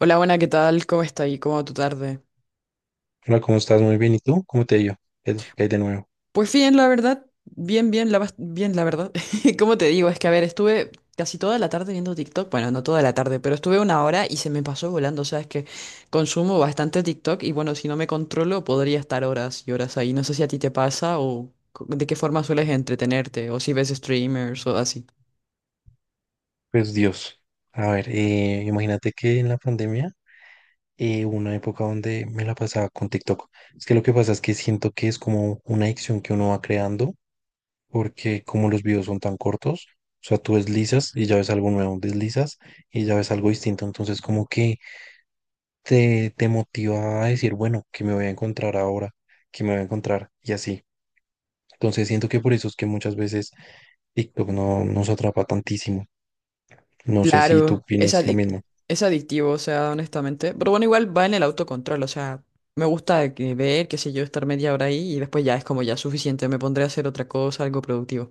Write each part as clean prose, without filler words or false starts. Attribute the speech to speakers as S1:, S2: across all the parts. S1: Hola, buena, ¿qué tal? ¿Cómo está ahí? ¿Cómo va tu tarde?
S2: Hola, ¿cómo estás? Muy bien. ¿Y tú? ¿Cómo te ha ido? ¿Qué te cae de nuevo?
S1: Pues bien, la verdad, bien, bien, bien, la verdad. ¿Cómo te digo? Es que, a ver, estuve casi toda la tarde viendo TikTok. Bueno, no toda la tarde, pero estuve una hora y se me pasó volando. O sea, es que consumo bastante TikTok y bueno, si no me controlo, podría estar horas y horas ahí. No sé si a ti te pasa de qué forma sueles entretenerte o si ves streamers o así.
S2: Pues Dios. A ver, imagínate que en la pandemia hubo una época donde me la pasaba con TikTok. Es que lo que pasa es que siento que es como una adicción que uno va creando porque como los videos son tan cortos, o sea, tú deslizas y ya ves algo nuevo, deslizas y ya ves algo distinto, entonces como que te motiva a decir, bueno, ¿qué me voy a encontrar ahora? ¿Qué me voy a encontrar? Y así. Entonces siento que por eso es que muchas veces TikTok no nos atrapa tantísimo. No sé si tú
S1: Claro,
S2: opinas lo mismo.
S1: es adictivo, o sea, honestamente. Pero bueno, igual va en el autocontrol, o sea, me gusta que ver, qué sé yo, estar media hora ahí y después ya es como ya suficiente, me pondré a hacer otra cosa, algo productivo.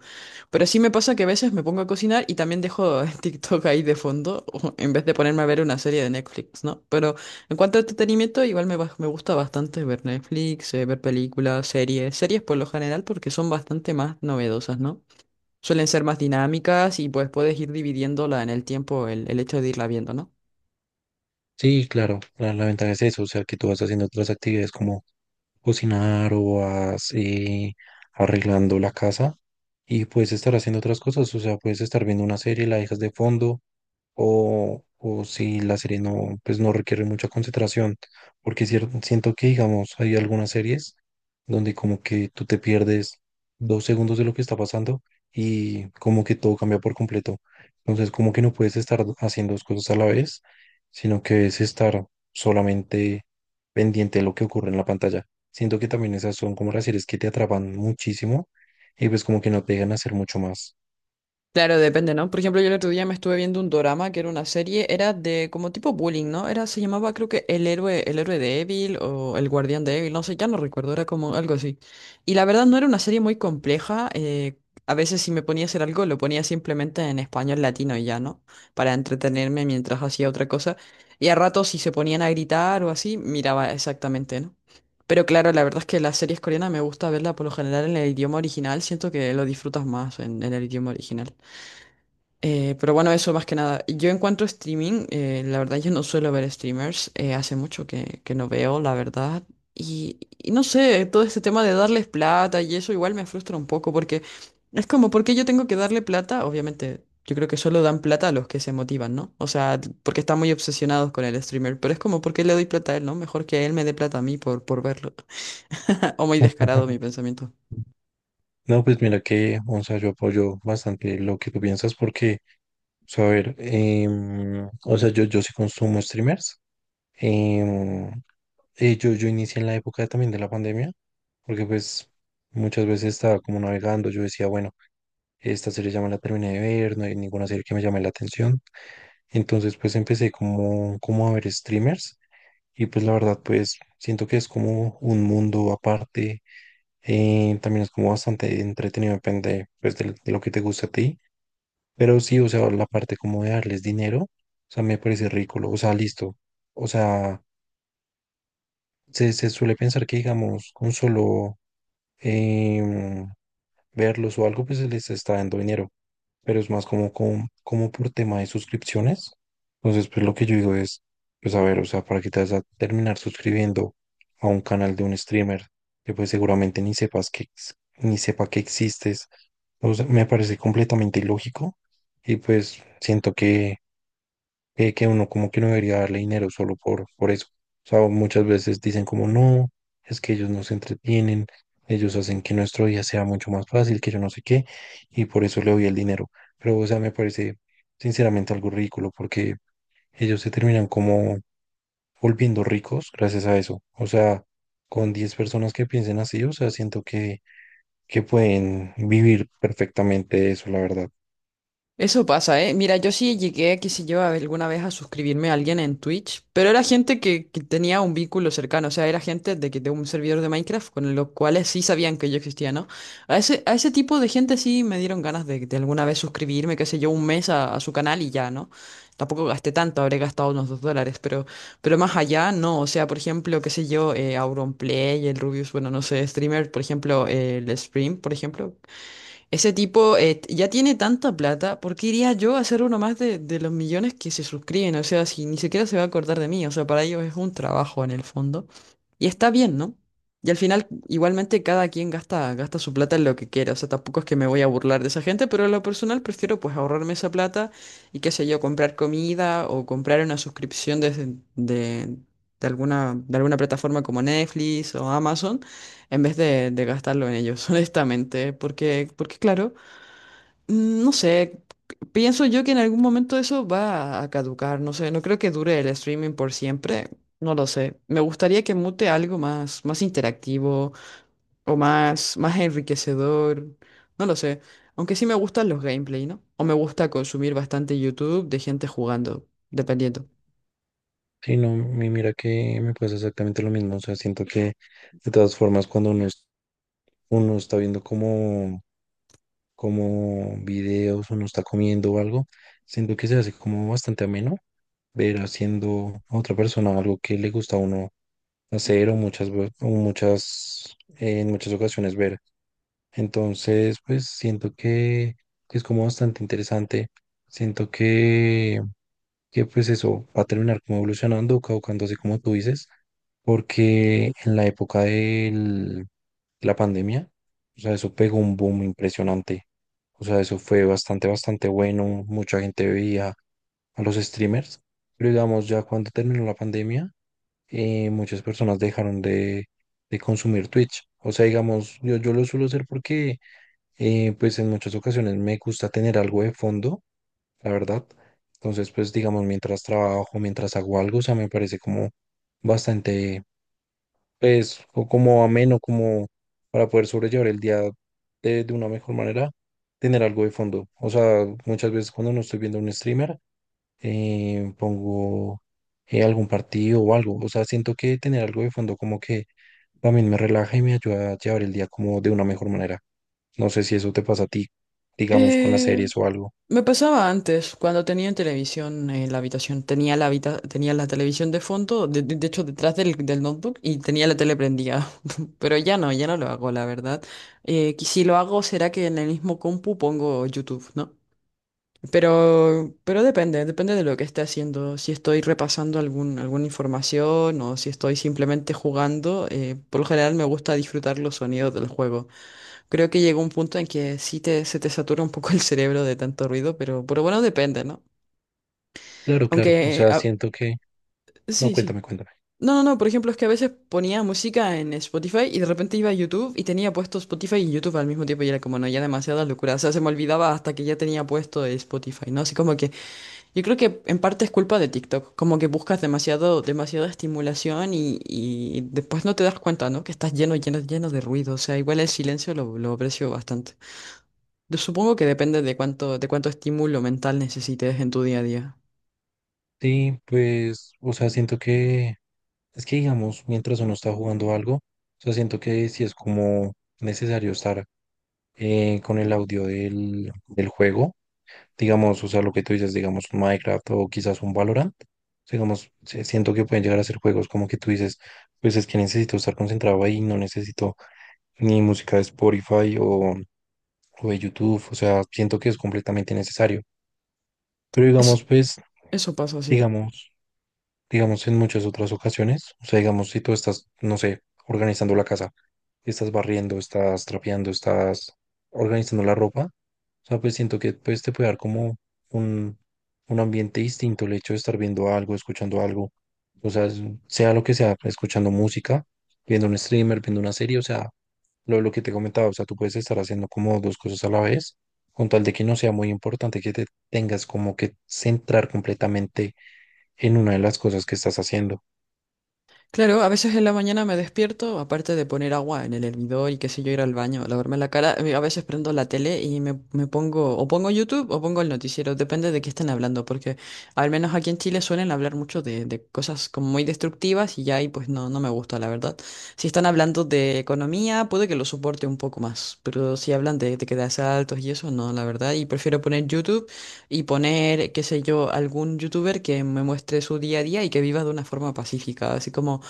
S1: Pero sí me pasa que a veces me pongo a cocinar y también dejo TikTok ahí de fondo en vez de ponerme a ver una serie de Netflix, ¿no? Pero en cuanto a entretenimiento, me gusta bastante ver Netflix, ver películas, series, series por lo general porque son bastante más novedosas, ¿no? Suelen ser más dinámicas y pues puedes ir dividiéndola en el tiempo, el hecho de irla viendo, ¿no?
S2: Sí, claro, la ventaja es eso, o sea, que tú vas haciendo otras actividades como cocinar o vas arreglando la casa y puedes estar haciendo otras cosas, o sea, puedes estar viendo una serie, la dejas de fondo o si la serie no, pues no requiere mucha concentración, porque siento que, digamos, hay algunas series donde como que tú te pierdes dos segundos de lo que está pasando y como que todo cambia por completo, entonces como que no puedes estar haciendo dos cosas a la vez sino que es estar solamente pendiente de lo que ocurre en la pantalla. Siento que también esas son como las series que te atrapan muchísimo y pues como que no te dejan hacer mucho más.
S1: Claro, depende, ¿no? Por ejemplo, yo el otro día me estuve viendo un dorama que era una serie, era de como tipo bullying, ¿no? Era, se llamaba creo que el héroe débil o El guardián débil, no sé, ya no recuerdo, era como algo así. Y la verdad no era una serie muy compleja, a veces si me ponía a hacer algo lo ponía simplemente en español latino y ya, ¿no? Para entretenerme mientras hacía otra cosa. Y a ratos si se ponían a gritar o así, miraba exactamente, ¿no? Pero claro, la verdad es que las series coreanas me gusta verla por lo general en el idioma original, siento que lo disfrutas más en el idioma original. Pero bueno, eso más que nada. Yo en cuanto a streaming, la verdad yo no suelo ver streamers, hace mucho que no veo, la verdad. Y no sé, todo este tema de darles plata y eso igual me frustra un poco porque es como, ¿por qué yo tengo que darle plata? Obviamente, yo creo que solo dan plata a los que se motivan, ¿no? O sea, porque están muy obsesionados con el streamer, pero es como, ¿por qué le doy plata a él, no? Mejor que él me dé plata a mí por verlo. O muy descarado mi pensamiento.
S2: No, pues mira que, o sea, yo apoyo bastante lo que tú piensas porque, o sea, a ver, o sea, yo sí consumo streamers. em, yo inicié en la época también de la pandemia porque pues muchas veces estaba como navegando, yo decía, bueno, esta serie ya me la terminé de ver, no hay ninguna serie que me llame la atención. Entonces pues empecé como a ver streamers y pues la verdad pues siento que es como un mundo aparte, también es como bastante entretenido, depende pues de lo que te gusta a ti, pero sí, o sea, la parte como de darles dinero, o sea, me parece ridículo, o sea, listo, o sea, se suele pensar que digamos con solo em, verlos o algo pues se les está dando dinero, pero es más como como por tema de suscripciones. Entonces, pues lo que yo digo es, pues a ver, o sea, para que te vas a terminar suscribiendo a un canal de un streamer que pues seguramente ni sepas ni sepa que existes. O sea, me parece completamente ilógico y pues siento que uno como que no debería darle dinero solo por eso. O sea, muchas veces dicen como no, es que ellos nos entretienen, ellos hacen que nuestro día sea mucho más fácil, que yo no sé qué, y por eso le doy el dinero. Pero, o sea, me parece sinceramente algo ridículo porque ellos se terminan como volviendo ricos gracias a eso. O sea, con 10 personas que piensen así, o sea, siento que pueden vivir perfectamente de eso, la verdad.
S1: Eso pasa, ¿eh? Mira, yo sí llegué, qué sé yo, alguna vez a suscribirme a alguien en Twitch, pero era gente que tenía un vínculo cercano, o sea, era gente de un servidor de Minecraft con los cuales sí sabían que yo existía, ¿no? A ese tipo de gente sí me dieron ganas de alguna vez suscribirme, qué sé yo, un mes a su canal y ya, ¿no? Tampoco gasté tanto, habré gastado unos dos dólares, pero más allá, no, o sea, por ejemplo, qué sé yo, Auronplay, el Rubius, bueno, no sé, streamer, por ejemplo, el Stream, por ejemplo. Ese tipo ya tiene tanta plata, ¿por qué iría yo a hacer uno más de los millones que se suscriben? O sea, si ni siquiera se va a acordar de mí, o sea, para ellos es un trabajo en el fondo. Y está bien, ¿no? Y al final, igualmente, cada quien gasta su plata en lo que quiera. O sea, tampoco es que me voy a burlar de esa gente, pero en lo personal prefiero pues ahorrarme esa plata y qué sé yo, comprar comida o comprar una suscripción de alguna plataforma como Netflix o Amazon en vez de gastarlo en ellos, honestamente, porque claro, no sé, pienso yo que en algún momento eso va a caducar, no sé, no creo que dure el streaming por siempre, no lo sé. Me gustaría que mute más interactivo más enriquecedor, no lo sé. Aunque sí me gustan los gameplay, ¿no? O me gusta consumir bastante YouTube de gente jugando, dependiendo.
S2: Sí, no, mira que me pasa exactamente lo mismo. O sea, siento que de todas formas cuando uno, uno está viendo como videos, uno está comiendo o algo, siento que se hace como bastante ameno ver haciendo a otra persona algo que le gusta a uno hacer o muchas, en muchas ocasiones ver. Entonces, pues siento que es como bastante interesante. Siento que pues eso va a terminar como evolucionando, caducándose como tú dices, porque en la época de la pandemia, o sea, eso pegó un boom impresionante. O sea, eso fue bastante, bastante bueno. Mucha gente veía a los streamers, pero digamos, ya cuando terminó la pandemia, muchas personas dejaron de consumir Twitch. O sea, digamos, yo lo suelo hacer porque, pues en muchas ocasiones me gusta tener algo de fondo la verdad. Entonces, pues digamos, mientras trabajo, mientras hago algo, o sea, me parece como bastante, pues, o como ameno, como para poder sobrellevar el día de una mejor manera, tener algo de fondo. O sea, muchas veces cuando no estoy viendo un streamer, pongo algún partido o algo. O sea, siento que tener algo de fondo como que también me relaja y me ayuda a llevar el día como de una mejor manera. No sé si eso te pasa a ti, digamos, con las
S1: Eh,
S2: series o algo.
S1: Me pasaba antes, cuando tenía televisión en la habitación, tenía la televisión de fondo, de hecho detrás del, del notebook y tenía la tele prendida, pero ya no, ya no lo hago, la verdad. Que si lo hago será que en el mismo compu pongo YouTube, ¿no? Pero depende, depende de lo que esté haciendo, si estoy repasando alguna información o si estoy simplemente jugando, por lo general me gusta disfrutar los sonidos del juego. Creo que llegó un punto en que se te satura un poco el cerebro de tanto ruido, pero bueno, depende, ¿no?
S2: Claro, claro. O
S1: Aunque,
S2: sea, siento que no,
S1: sí, sí.
S2: cuéntame, cuéntame.
S1: No, no, no, por ejemplo, es que a veces ponía música en Spotify y de repente iba a YouTube y tenía puesto Spotify y YouTube al mismo tiempo y era como, no, ya demasiada locura. O sea, se me olvidaba hasta que ya tenía puesto Spotify, ¿no? Así como que yo creo que en parte es culpa de TikTok, como que buscas demasiado, demasiada estimulación y después no te das cuenta, ¿no? Que estás lleno, lleno, lleno de ruido. O sea, igual el silencio lo aprecio bastante. Yo supongo que depende de cuánto estímulo mental necesites en tu día a día.
S2: Sí, pues, o sea, siento que es que, digamos, mientras uno está jugando algo, o sea, siento que sí es como necesario estar con el audio del juego, digamos, o sea, lo que tú dices, digamos, un Minecraft o quizás un Valorant, digamos, sí, siento que pueden llegar a ser juegos como que tú dices, pues es que necesito estar concentrado ahí, no necesito ni música de Spotify o de YouTube, o sea, siento que es completamente necesario. Pero
S1: Es,
S2: digamos, pues,
S1: eso pasa, sí.
S2: digamos, digamos, en muchas otras ocasiones. O sea, digamos, si tú estás, no sé, organizando la casa, estás barriendo, estás trapeando, estás organizando la ropa, o sea, pues siento que pues, te puede dar como un, un ambiente distinto el hecho de estar viendo algo, escuchando algo, o sea, sea lo que sea, escuchando música, viendo un streamer, viendo una serie, o sea, lo que te comentaba, o sea, tú puedes estar haciendo como dos cosas a la vez, con tal de que no sea muy importante que te tengas como que centrar completamente en una de las cosas que estás haciendo.
S1: Claro, a veces en la mañana me despierto, aparte de poner agua en el hervidor y qué sé yo, ir al baño, lavarme la cara, a veces prendo la tele y me pongo, o pongo YouTube o pongo el noticiero, depende de qué estén hablando, porque al menos aquí en Chile suelen hablar mucho de cosas como muy destructivas y ya ahí pues no, no me gusta, la verdad. Si están hablando de economía, puede que lo soporte un poco más, pero si hablan de que de asaltos y eso, no, la verdad, y prefiero poner YouTube y poner, qué sé yo, algún youtuber que me muestre su día a día y que viva de una forma pacífica, así como...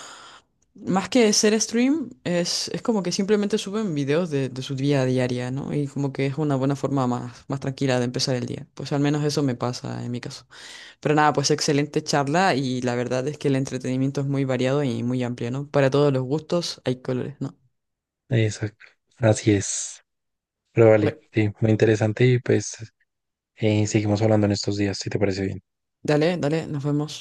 S1: Más que ser stream, es como que simplemente suben videos de su día a diaria, ¿no? Y como que es una buena forma más, más tranquila de empezar el día. Pues al menos eso me pasa en mi caso. Pero nada, pues excelente charla y la verdad es que el entretenimiento es muy variado y muy amplio, ¿no? Para todos los gustos hay colores, ¿no?
S2: Exacto. Así es. Pero vale,
S1: Bueno,
S2: sí, muy interesante y pues seguimos hablando en estos días, si te parece bien.
S1: dale, dale, nos vemos.